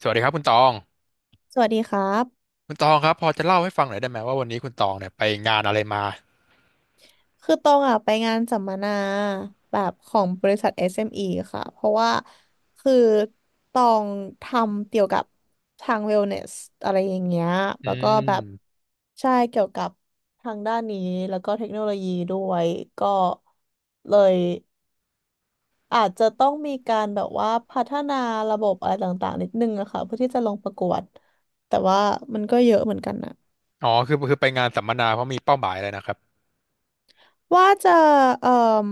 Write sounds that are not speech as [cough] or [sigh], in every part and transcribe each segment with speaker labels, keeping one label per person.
Speaker 1: สวัสดีครับคุณตอง
Speaker 2: สวัสดีครับ
Speaker 1: คุณตองครับพอจะเล่าให้ฟังหน่อยได้ไหมว่าวันนี้คุณตองเนี่ยไปงานอะไรมา
Speaker 2: คือตองอ่ะไปงานสัมมนาแบบของบริษัท SME ค่ะ เพราะว่าคือตองทำเกี่ยวกับทาง wellness อะไรอย่างเงี้ย
Speaker 1: อื
Speaker 2: แล้วก็แบบ
Speaker 1: ม
Speaker 2: ใช่เกี่ยวกับทางด้านนี้แล้วก็เทคโนโลยีด้วยก็เลยอาจจะต้องมีการแบบว่าพัฒนาระบบอะไรต่างๆนิดนึงอะค่ะเพื่อที่จะลงประกวดแต่ว่ามันก็เยอะเหมือนกันนะ
Speaker 1: อ๋อคือไปงานสัมมนาเพราะมีเป้าหมายอะไรนะครับ
Speaker 2: ว่าจะเอ่อ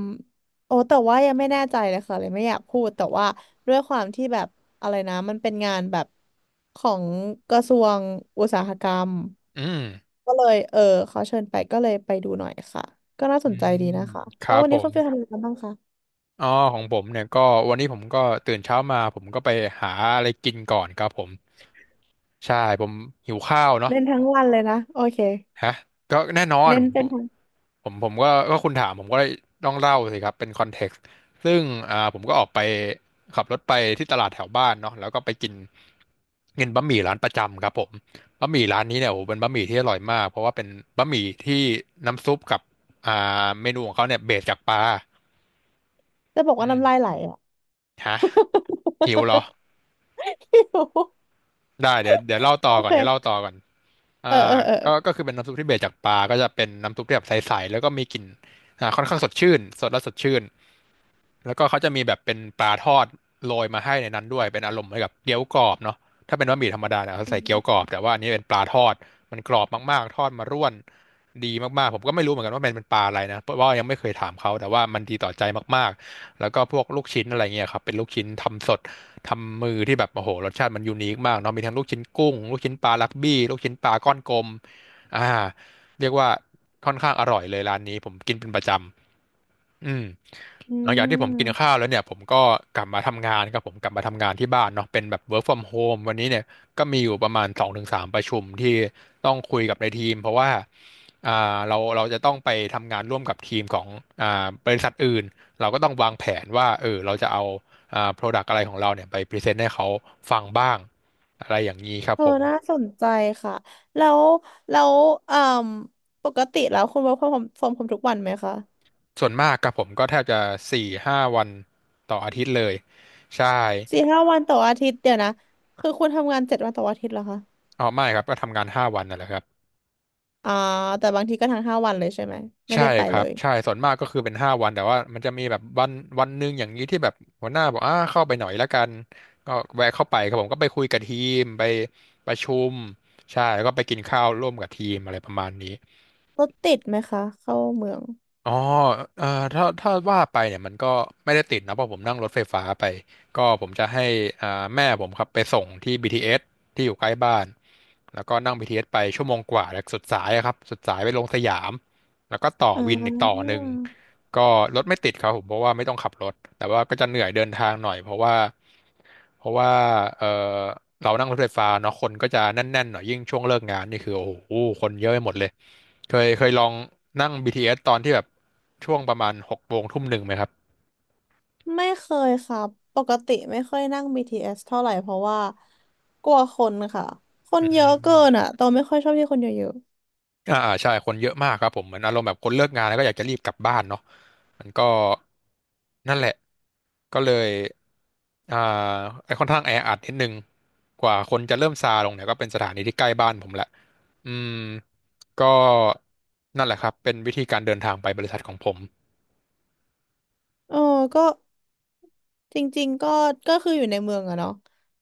Speaker 2: โอ้แต่ว่ายังไม่แน่ใจเลยค่ะเลยไม่อยากพูดแต่ว่าด้วยความที่แบบอะไรนะมันเป็นงานแบบของกระทรวงอุตสาหกรรม
Speaker 1: อืม
Speaker 2: ก็เลยเขาเชิญไปก็เลยไปดูหน่อยค่ะก็น่า
Speaker 1: อื
Speaker 2: สนใจดี
Speaker 1: ม
Speaker 2: นะคะ
Speaker 1: ค
Speaker 2: แล้
Speaker 1: รั
Speaker 2: ว
Speaker 1: บ
Speaker 2: วัน
Speaker 1: ผ
Speaker 2: นี้คุ
Speaker 1: ม
Speaker 2: ณฟิลทำอะไรกันบ้างคะ
Speaker 1: อ๋อของผมเนี่ยก็วันนี้ผมก็ตื่นเช้ามาผมก็ไปหาอะไรกินก่อนครับผมใช่ผมหิวข้าวเนาะ
Speaker 2: เน้นทั้งวันเลยนะโอเค
Speaker 1: ฮะก็แน่นอน
Speaker 2: เน้นเป็นทั้ง
Speaker 1: ผมก็คุณถามผมก็ต้องเล่าสิครับเป็นคอนเท็กซ์ซึ่งผมก็ออกไปขับรถไปที่ตลาดแถวบ้านเนาะแล้วก็ไปกินกินบะหมี่ร้านประจำครับผมบะหมี่ร้านนี้เนี่ยโอ้โหเป็นบะหมี่ที่อร่อยมากเพราะว่าเป็นบะหมี่ที่น้ำซุปกับอ่าเมนูของเขาเนี่ยเบสจากปลา
Speaker 2: จะบอก
Speaker 1: อื
Speaker 2: ว่า
Speaker 1: ม
Speaker 2: น้ำลายไหลอ่ะ
Speaker 1: ฮะหิวเหรอ
Speaker 2: [laughs] หิว [laughs]
Speaker 1: ได้เดี๋ยวเล่า
Speaker 2: โอ
Speaker 1: ต่อก่อนเดี๋ยวเล่า
Speaker 2: เค
Speaker 1: ต่อก่อนอ่า
Speaker 2: เออเออเออ
Speaker 1: ก็คือเป็นน้ำซุปที่เบสจากปลาก็จะเป็นน้ำซุปที่แบบใสๆแล้วก็มีกลิ่นค่อนข้างสดชื่นสดและสดชื่น แล้วก็เขาจะมีแบบเป็นปลาทอดโรยมาให้ในนั้นด้วยเป็นอารมณ์เหมือนกับเกี๊ยวกรอบเนาะถ้าเป็นบะหมี่ธรรมดาเนี่ยเขา
Speaker 2: อื
Speaker 1: ใส่เกี๊ยว
Speaker 2: ม
Speaker 1: กรอบแต่ว่าอันนี้เป็นปลาทอดมันกรอบมากๆทอดมาร่วนดีมากๆผมก็ไม่รู้เหมือนกันว่ามันเป็นปลาอะไรนะเพราะว่ายังไม่เคยถามเขาแต่ว่ามันดีต่อใจมากๆแล้วก็พวกลูกชิ้นอะไรเงี้ยครับเป็นลูกชิ้นทำสดทำมือที่แบบโอ้โหรสชาติมันยูนิคมากเนาะมีทั้งลูกชิ้นกุ้งลูกชิ้นปลารักบี้ลูกชิ้นปลาก้อนกลมอ่าเรียกว่าค่อนข้างอร่อยเลยร้านนี้ผมกินเป็นประจำ อืม
Speaker 2: อื
Speaker 1: หลังจากที่ผมกิน
Speaker 2: ม
Speaker 1: ข้าวแล้วเนี่ยผมก็กลับมาทำงานครับผมกลับมาทำงานที่บ้านเนาะเป็นแบบ work from home วันนี้เนี่ยก็มีอยู่ประมาณ2-3ประชุมที่ต้องคุยกับในทีมเพราะว่าอ่เราจะต้องไปทำงานร่วมกับทีมของบริษัทอื่นเราก็ต้องวางแผนว่าเราจะเอาproduct อะไรของเราเนี่ยไปพรีเซนต์ให้เขาฟังบ้าง อะไรอย่างนี้ครับ
Speaker 2: เออ
Speaker 1: ผม
Speaker 2: น่าสนใจค่ะแล้วแล้วเอ่มปกติแล้วคุณ work from home ทุกวันไหมคะ
Speaker 1: ส่วนมากครับผมก็แทบจะ4-5 วันต่ออาทิตย์เลยใช่
Speaker 2: สี่ห้าวันต่ออาทิตย์เดี๋ยวนะคือคุณทำงานเจ็ดวันต่ออาทิตย์เหรอคะ
Speaker 1: อ๋อไม่ครับก็ทำงานห้าวันนั่นแหละครับ
Speaker 2: อ่าแต่บางทีก็ทั้งห้าวันเลยใช่ไหมไม่
Speaker 1: ใช่
Speaker 2: ได้ไป
Speaker 1: ครั
Speaker 2: เล
Speaker 1: บ
Speaker 2: ย
Speaker 1: ใช่ส่วนมากก็คือเป็นห้าวัน แต่ว่ามันจะมีแบบวันหนึ่งอย่างนี้ที่แบบหัวหน้าบอกเข้าไปหน่อยละกันก็แวะเข้าไปครับผมก็ไปคุยกับทีมไปประชุมใช่แล้วก็ไปกินข้าวร่วมกับทีมอะไรประมาณนี้
Speaker 2: รถติดไหมคะเข้าเมือง
Speaker 1: อ๋อเอ่อถ้าว่าไปเนี่ยมันก็ไม่ได้ติดนะเพราะผมนั่งรถไฟฟ้าไปก็ผมจะให้อ่าแม่ผมครับไปส่งที่ BTS ทีเอสที่อยู่ใกล้บ้านแล้วก็นั่ง BTS ไปชั่วโมงกว่าจากสุดสายอะครับสุดสายไปลงสยามแล้วก็ต่อ
Speaker 2: อ่
Speaker 1: วินอีกต่อ
Speaker 2: า
Speaker 1: หนึ่งก็รถไม่ติดครับผมเพราะว่าไม่ต้องขับรถแต่ว่าก็จะเหนื่อยเดินทางหน่อยเพราะว่าเออเรานั่งรถไฟฟ้าเนาะคนก็จะแน่นๆหน่อยยิ่งช่วงเลิกงานนี่คือโอ้โหคนเยอะไปหมดเลย เคยลองนั่ง BTS ตอนที่แบบช่วงประมาณ6 โมง1 ทุ่มไหมครับ
Speaker 2: ไม่เคยค่ะปกติไม่ค่อยนั่ง BTS เอสเท่าไหร่เพราะว่ากลัวคนค่ะคน
Speaker 1: อื
Speaker 2: เยอะเกินอ่ะ
Speaker 1: ม
Speaker 2: ตองไม่ค่อยชอบที่คนเยอะ
Speaker 1: อ่าอ่าใช่ คนเยอะมากครับผม เหมือนอารมณ์แบบคนเลิกงานแล้วก็อยากจะรีบกลับบ้านเนาะมันก็นั่นแหละ ก็เลย อ่าไอ้ค่อนข้างแออัดนิดนึง กว่าคนจะเริ่มซาลงเนี่ยก็เป็นสถานีที่ใกล้บ้านผมแหละ อืม ก็นั่นแหละครับ เป็นวิธีการเดินทางไปบริษัทของผม
Speaker 2: ๆเออก็ จริงๆก็คืออยู่ในเมืองอะเนาะ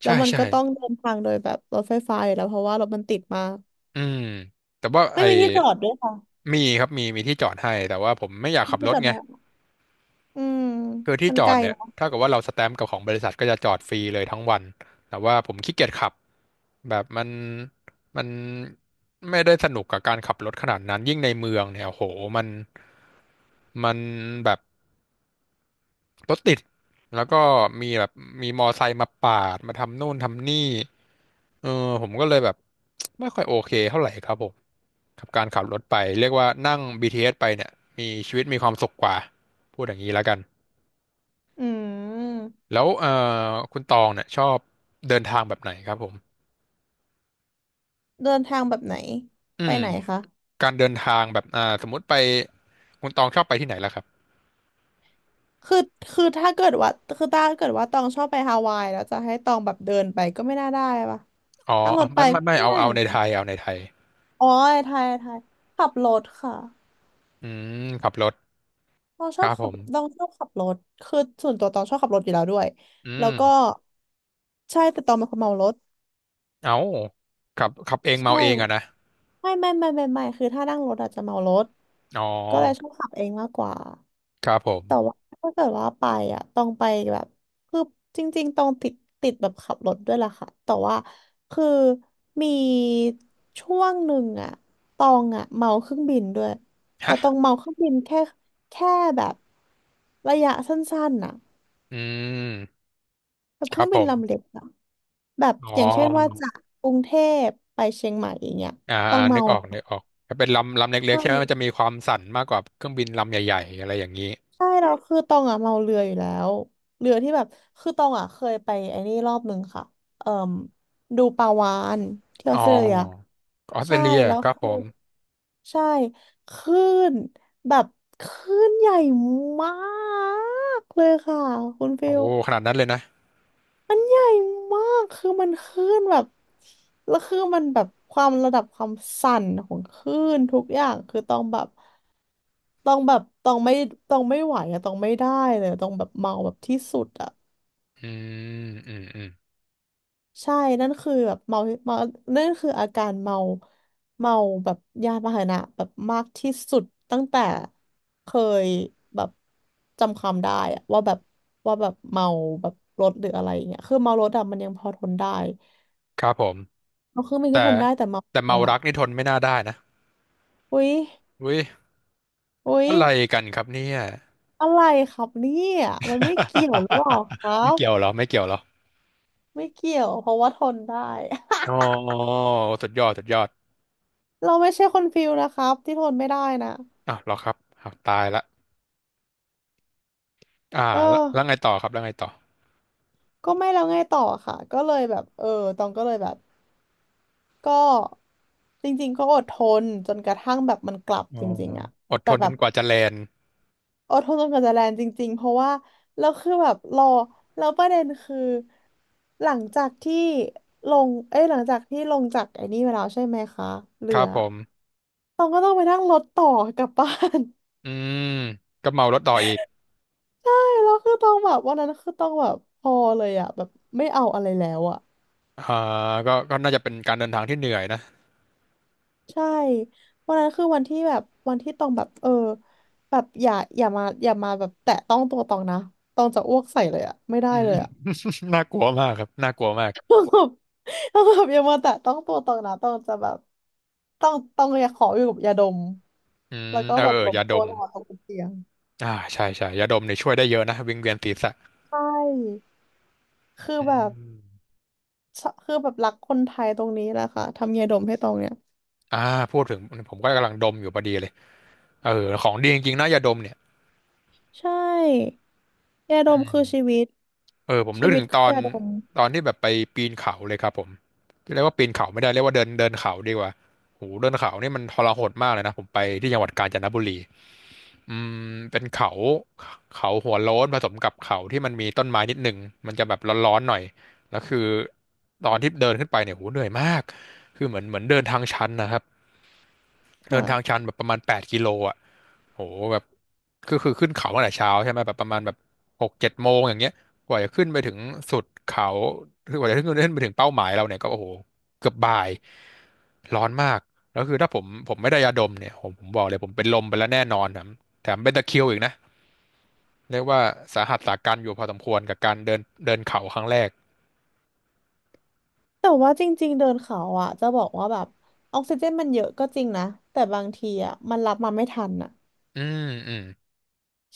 Speaker 2: แล้
Speaker 1: ใช่
Speaker 2: วมัน
Speaker 1: ใช่
Speaker 2: ก็ต้องเดินทางโดยแบบรถไฟฟ้าอยู่แล้วเพราะว่ารถมันติดมาก
Speaker 1: อืมแต่ว่า
Speaker 2: ไม่
Speaker 1: ไอ้
Speaker 2: มีที่จอดด้วยค่ะ
Speaker 1: มีครับมีที่จอดให้แต่ว่าผมไม่อยาก
Speaker 2: ไม่
Speaker 1: ขั
Speaker 2: มี
Speaker 1: บร
Speaker 2: ที่จ
Speaker 1: ถ
Speaker 2: อด
Speaker 1: ไง
Speaker 2: ด้วยอืม
Speaker 1: คือที่
Speaker 2: มัน
Speaker 1: จ
Speaker 2: ไก
Speaker 1: อ
Speaker 2: ล
Speaker 1: ดเนี่ย
Speaker 2: เนาะ
Speaker 1: ถ้าเกิดว่าเราสแตมป์กับของบริษัทก็จะจอดฟรีเลยทั้งวันแต่ว่าผมขี้เกียจขับแบบมันไม่ได้สนุกกับการขับรถขนาดนั้นยิ่งในเมืองเนี่ยโอ้โหมันมันแบบรถติดแล้วก็มีแบบมีมอไซค์มาปาดมาทำนู่นทำนี่ เออผมก็เลยแบบ [tsk] ไม่ค่อยโอเคเท่าไหร่ครับผมกับการขับรถไปเรียกว่านั่งบีทีเ t สไปเนี่ยมีชีวิตมีความสุขกว่าพูดอย่างนี้แล้วกัน
Speaker 2: อืม
Speaker 1: แล้วเออคุณตองเนี่ยชอบเดินทางแบบไหนครับผม
Speaker 2: เดินทางแบบไหน
Speaker 1: อื
Speaker 2: ไป
Speaker 1: ม
Speaker 2: ไหนคะ
Speaker 1: การเดินทางแบบสมมุติไปคุณตองชอบไปที่ไหนล่ะครับ
Speaker 2: คือคือถ้าเกิดว่าคือถ้าเกิดว่าตองชอบไปฮาวายแล้วจะให้ตองแบบเดินไปก็ไม่น่าได้ปะ
Speaker 1: อ๋อ
Speaker 2: นั่งรถไป
Speaker 1: ไม่
Speaker 2: ก็
Speaker 1: ไม่
Speaker 2: ไม่
Speaker 1: เอา
Speaker 2: ได้เหมือ
Speaker 1: ใน
Speaker 2: นกั
Speaker 1: ไท
Speaker 2: น
Speaker 1: ย
Speaker 2: อ๋อไทยไทยขับรถค่ะ
Speaker 1: อืมขับรถ
Speaker 2: ตองช
Speaker 1: ค
Speaker 2: อ
Speaker 1: รั
Speaker 2: บ
Speaker 1: บผ
Speaker 2: ขับตอ
Speaker 1: ม
Speaker 2: งชอบขับรถคือส่วนตัวตองชอบขับรถอยู่แล้วด้วย
Speaker 1: อื
Speaker 2: แล้ว
Speaker 1: ม
Speaker 2: ก็ใช่แต่ตองเป็นคนเมารถ
Speaker 1: เอาขับเองเมา
Speaker 2: ใช่
Speaker 1: เองอะนะ
Speaker 2: ไม่คือถ้านั่งรถอาจจะเมารถ
Speaker 1: อ๋อ
Speaker 2: ก็เลยชอบขับเองมากกว่า
Speaker 1: ครับผม
Speaker 2: แต่ว่าถ้าเกิดว่าไปอ่ะต้องไปแบบคือจริงๆต้องติดติดแบบขับรถด้วยล่ะค่ะแต่ว่าคือมีช่วงหนึ่งอ่ะตองอ่ะเมาเครื่องบินด้วยแต่ตอ
Speaker 1: ฮะ
Speaker 2: งเมาเครื่องบินแค่แบบระยะสั้นๆน่ะ
Speaker 1: อืม
Speaker 2: แบบ
Speaker 1: ค
Speaker 2: เค
Speaker 1: รั
Speaker 2: รื่อ
Speaker 1: บ
Speaker 2: ง
Speaker 1: ผ
Speaker 2: บินลำเล็
Speaker 1: ม
Speaker 2: กอะแบบ
Speaker 1: อ๋อ
Speaker 2: อย่างเช่นว่าจากกรุงเทพไปเชียงใหม่อย่างเงี้ย
Speaker 1: อ่า
Speaker 2: ต้องเมา
Speaker 1: นึกออกถ้าเป็นลำเล็
Speaker 2: ใช
Speaker 1: กๆใช่ไหมมันจะ
Speaker 2: ่
Speaker 1: มีความสั่นมากกว่าเครื่องบินลำใหญ่ๆอะไรอย่างนี้
Speaker 2: ใช่เราคือตองอะเมาเรืออยู่แล้วเรือที่แบบคือตองอะเคยไปไอ้นี่รอบหนึ่งค่ะเอ่มดูปลาวาฬที่อ
Speaker 1: อ๋
Speaker 2: อสเตรเลีย
Speaker 1: อออสเตร
Speaker 2: ใช่
Speaker 1: เลีย
Speaker 2: แล้ว
Speaker 1: ครับผ
Speaker 2: คือ
Speaker 1: ม
Speaker 2: ใช่คลื่นแบบคลื่นใหญ่มากเลยค่ะคุณฟิ
Speaker 1: โอ้
Speaker 2: ล
Speaker 1: ขนาดนั้นเลยนะ
Speaker 2: มันใหญ่มากคือมันคลื่นแบบแล้วคือมันแบบความระดับความสั่นของคลื่นทุกอย่างคือต้องแบบ ต้องไม่ไหวอะต้องไม่ได้เลยอะต้องแบบเมาแบบที่สุดอะ
Speaker 1: อือืมอืม
Speaker 2: ใช่ นั่นคือแบบเมานั่นคืออาการเมาแบบยานพาหนะแบบมากที่สุดตั้งแต่เคยแบบจำความได้อะว่าแบบเมาแบบรถหรืออะไรอย่างเงี้ยคือเมารถอะมันยังพอทนได้
Speaker 1: ครับผม
Speaker 2: เอาเครื่องบิน
Speaker 1: แต่
Speaker 2: ก็ทนได้แต่เมา
Speaker 1: แต่
Speaker 2: เรื
Speaker 1: เมา
Speaker 2: อ
Speaker 1: รักนี่ทนไม่น่าได้นะ
Speaker 2: อุ๊ย
Speaker 1: อุ้ย
Speaker 2: อุ๊ย
Speaker 1: อะไรกันครับเนี่ย
Speaker 2: อะไรครับเนี่ยมันไม่เกี่ยวหรือเปล่าครั
Speaker 1: [laughs] ไม่
Speaker 2: บ
Speaker 1: เกี่ยวเหรอไม่เกี่ยวเหรอ
Speaker 2: ไม่เกี่ยวเพราะว่าทนได้
Speaker 1: อ๋อสุดยอด
Speaker 2: [laughs] เราไม่ใช่คนฟิลนะครับที่ทนไม่ได้นะ
Speaker 1: อ้าวเหรอครับอ้าวตายละอ่า
Speaker 2: เออ
Speaker 1: แล้วไงต่อครับแล้วไงต่อ
Speaker 2: ก็ไม่แล้วไงต่อค่ะ ก็เลยแบบเออตองก็เลยแบบก็จริงๆก็อดทนจนกระทั่งแบบมันกลับ
Speaker 1: อ๋อ
Speaker 2: จริงๆอะ
Speaker 1: อดท
Speaker 2: แต่
Speaker 1: น
Speaker 2: แบ
Speaker 1: จ
Speaker 2: บ
Speaker 1: นกว่าจะแลนด์
Speaker 2: อดทนจนกว่าจะแลนด์จริงๆ เพราะว่าเราคือแบบรอแล้วประเด็นคือหลังจากที่ลงเอ้ยหลังจากที่ลงจากไอ้นี่มาแล้วใช่ไหมคะ
Speaker 1: ค
Speaker 2: เรื
Speaker 1: รั
Speaker 2: อ
Speaker 1: บผม
Speaker 2: ตองก็ต้องไปนั่งรถต่อกลับบ้าน
Speaker 1: อืมก็เมารถต่ออีก
Speaker 2: [laughs] ใช่แล้วคือตองแบบวันนั้นคือตองแบบพอเลยอะแบบไม่เอาอะไรแล้วอะ
Speaker 1: อ่าก็น่าจะเป็นการเดินทางที่เหนื่อยนะ
Speaker 2: ใช่วันนั้นคือวันที่แบบวันที่ตองแบบเออแบบอย่ามาแบบแตะต้องตัวตองนะตองจะอ้วกใส่เลยอะไม่ได้
Speaker 1: อื
Speaker 2: เล
Speaker 1: ม
Speaker 2: ยอะ
Speaker 1: [laughs] น่ากลัวมากครับน่ากลัวมาก
Speaker 2: ต้องแบบต้องแบบอยามาแตะต้องตัวตรงนะต้องจะแบบต้องอยากขออยู่กับยาดม
Speaker 1: อืม
Speaker 2: แล้วก็
Speaker 1: เออ
Speaker 2: แบบ
Speaker 1: เออ
Speaker 2: หลบ
Speaker 1: ยาด
Speaker 2: ตัว
Speaker 1: ม
Speaker 2: ตลอดกเตียง
Speaker 1: อ่าใช่ใช่ยาดมเนี่ยช่วยได้เยอะนะวิงเวียนศีรษะ
Speaker 2: ใช่คือแบบชอคือแบบรักคนไทยตรงนี้แหละค่ะทำยาดมให้ตรงเนี่ย
Speaker 1: อ่าพูดถึงผมก็กำลังดมอยู่พอดีเลยเออของดีจริงๆนะยาดมเนี่ย
Speaker 2: ใช่ยาดมคือชีวิต
Speaker 1: เออผม
Speaker 2: ชี
Speaker 1: นึก
Speaker 2: วิ
Speaker 1: ถึ
Speaker 2: ต
Speaker 1: ง
Speaker 2: คื
Speaker 1: ต
Speaker 2: อ
Speaker 1: อน
Speaker 2: ยาดม
Speaker 1: ที่แบบไปปีนเขาเลยครับผมเรียกว่าปีนเขาไม่ได้เรียกว่าเดินเดินเขาดีกว่าโหเดินเขานี่มันทรหดมากเลยนะผมไปที่จังหวัดกาญจนบุรี อืมเป็นเขาเขาหัวโล้นผสมกับเขาที่มันมีต้นไม้นิดหนึ่งมันจะแบบร้อนๆหน่อยแล้วคือตอนที่เดินขึ้นไปเนี่ยโหเหนื่อยมากคือเหมือนเดินทางชันนะครับเดินทางชั
Speaker 2: ค่ะ
Speaker 1: นแบบประมาณแปดกิโลอ่ะโหแบบคือขึ้นเขาตั้งแต่เช้าใช่ไหมแบบประมาณแบบหกเจ็ดโมงอย่างเงี้ยกว่าจะขึ้นไปถึงสุดเขาคือกว่าจะขึ้นไปถึงเป้าหมายเราเนี่ยก็โอ้โหเกือบบ่ายร้อนมากแล้วคือถ้าผมไม่ได้ยาดมเนี่ยผมบอกเลยผมเป็นลมไปแล้วแน่นอนแถมเป็นตะคริวอีกนะ เรียกว่าสาหัสสากันอยู่พอสมควรกับการเดินเดินเขาครั้งแรก
Speaker 2: แต่ว่าจริงๆเดินเขาอ่ะจะบอกว่าแบบออกซิเจนมันเยอะก็จริงนะแต่บางทีอ่ะมันรับมาไม่ทันอ่ะ
Speaker 1: อืมอืม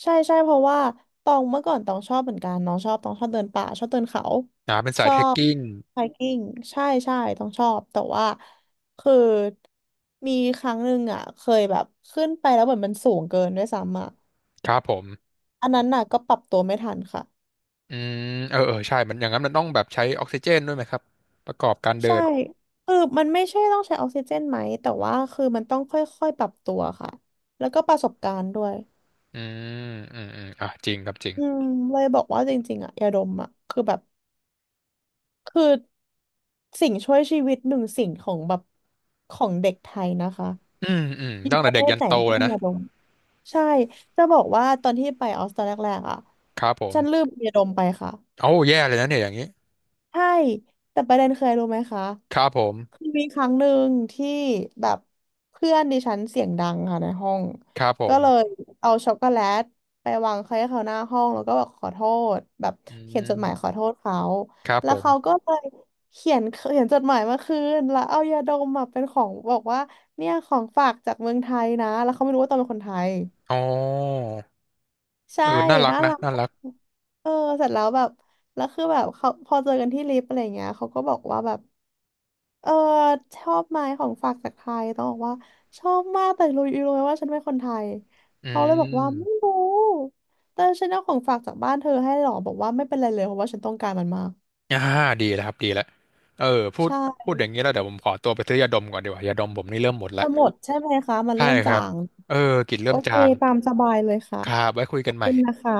Speaker 2: ใช่เพราะว่าตองเมื่อก่อนตองชอบเหมือนกันน้องชอบตองชอบเดินป่าชอบเดินเขา
Speaker 1: นาเป็นสา
Speaker 2: ช
Speaker 1: ย
Speaker 2: อ
Speaker 1: เทรค
Speaker 2: บ
Speaker 1: กิ้ง
Speaker 2: ไฮกิ้งใช่ตองชอบแต่ว่าคือมีครั้งหนึ่งอ่ะเคยแบบขึ้นไปแล้วเหมือนมันสูงเกินด้วยซ้ำอ่ะ
Speaker 1: ครับผม
Speaker 2: อันนั้นน่ะก็ปรับตัวไม่ทันค่ะ
Speaker 1: อืมเออใช่มันอย่างนั้นมันต้องแบบใช้ออกซิเจนด้วยไหมครับ ประกอบการเดิ
Speaker 2: ใช่
Speaker 1: น
Speaker 2: คือมันไม่ใช่ต้องใช้ออกซิเจนไหมแต่ว่าคือมันต้องค่อยๆปรับตัวค่ะแล้วก็ประสบการณ์ด้วย
Speaker 1: อืมอืมอ่ะจริงครับจริง
Speaker 2: อืมเลยบอกว่าจริงๆอ่ะยาดมอ่ะคือแบบ คือสิ่งช่วยชีวิตหนึ่งสิ่งของแบบของเด็กไทยนะคะ
Speaker 1: อืมอืม
Speaker 2: อยู่
Speaker 1: ตั้ง
Speaker 2: ป
Speaker 1: แต่
Speaker 2: ระเท
Speaker 1: เด็ก
Speaker 2: ศ
Speaker 1: ยัน
Speaker 2: ไหน
Speaker 1: โต
Speaker 2: ก็ต้
Speaker 1: เล
Speaker 2: อง
Speaker 1: ยนะ
Speaker 2: มียาดมใช่จะบอกว่าตอนที่ไปออสตอนแรกๆอ่ะ
Speaker 1: ครับผม
Speaker 2: ฉันลืมยาดมไปค่ะ
Speaker 1: โอ้าแย่เลยนะเนี่ยอย่างนี้
Speaker 2: ใช่แต่ประเด็นเคยรู้ไหมคะ
Speaker 1: ครับผม
Speaker 2: คือมีครั้งหนึ่งที่แบบเพื่อนดิฉันเสียงดังค่ะในห้อง
Speaker 1: ครับผ
Speaker 2: ก็
Speaker 1: ม
Speaker 2: เลยเอาช็อกโกแลตไปวางให้เขาหน้าห้องแล้วก็บอกขอโทษแบบ
Speaker 1: อื
Speaker 2: เขียนจดหมายขอ
Speaker 1: ม
Speaker 2: โทษเขา
Speaker 1: ครับ
Speaker 2: แล้
Speaker 1: ผ
Speaker 2: ว
Speaker 1: ม
Speaker 2: เขาก็เลยเขียนจดหมายมาคืนแล้วเอายาดมมาเป็นของบอกว่าเนี่ยของฝากจากเมืองไทยนะแล้วเขาไม่รู้ว่าตอนเป็นคนไทย
Speaker 1: อ๋อ
Speaker 2: ใช่
Speaker 1: เออน่ารัก
Speaker 2: น่า
Speaker 1: นะ
Speaker 2: รัก
Speaker 1: น่ารัก
Speaker 2: เออเสร็จแล้วแบบแล้วคือแบบเขาพอเจอกันที่ลิฟต์อะไรเงี้ยเขาก็บอกว่าแบบ เออชอบไหมของฝากจากไทยต้องบอกว่าชอบมากแต่รู้อยู่รู้ไหมว่าฉันเป็นคนไทย
Speaker 1: อื
Speaker 2: เขาเลยบอกว่าไม่
Speaker 1: ม
Speaker 2: รู้แต่ฉันเอาของฝากจากบ้านเธอให้หรอบอกว่าไม่เป็นไรเลยเพราะว่าฉันต้องการมันมาก
Speaker 1: อ่าดีแล้วครับดีแล้วเออพูด
Speaker 2: ใช่
Speaker 1: อย่างนี้แล้วเดี๋ยวผมขอตัวไปซื้อยาดมก่อนดีกว่ายาดมผมนี่เริ่มหมดแล้
Speaker 2: จะ
Speaker 1: ว
Speaker 2: หมดใช่ไหมคะมัน
Speaker 1: ใช่
Speaker 2: เริ่ม
Speaker 1: ค
Speaker 2: จา
Speaker 1: รับ
Speaker 2: ง
Speaker 1: เออกลิ่น
Speaker 2: โอ
Speaker 1: เริ่ม
Speaker 2: เค
Speaker 1: จาง
Speaker 2: ตามสบายเลยค่ะ
Speaker 1: ครับไว้คุย
Speaker 2: ข
Speaker 1: กั
Speaker 2: อ
Speaker 1: น
Speaker 2: บ
Speaker 1: ให
Speaker 2: คุ
Speaker 1: ม่
Speaker 2: ณนะคะ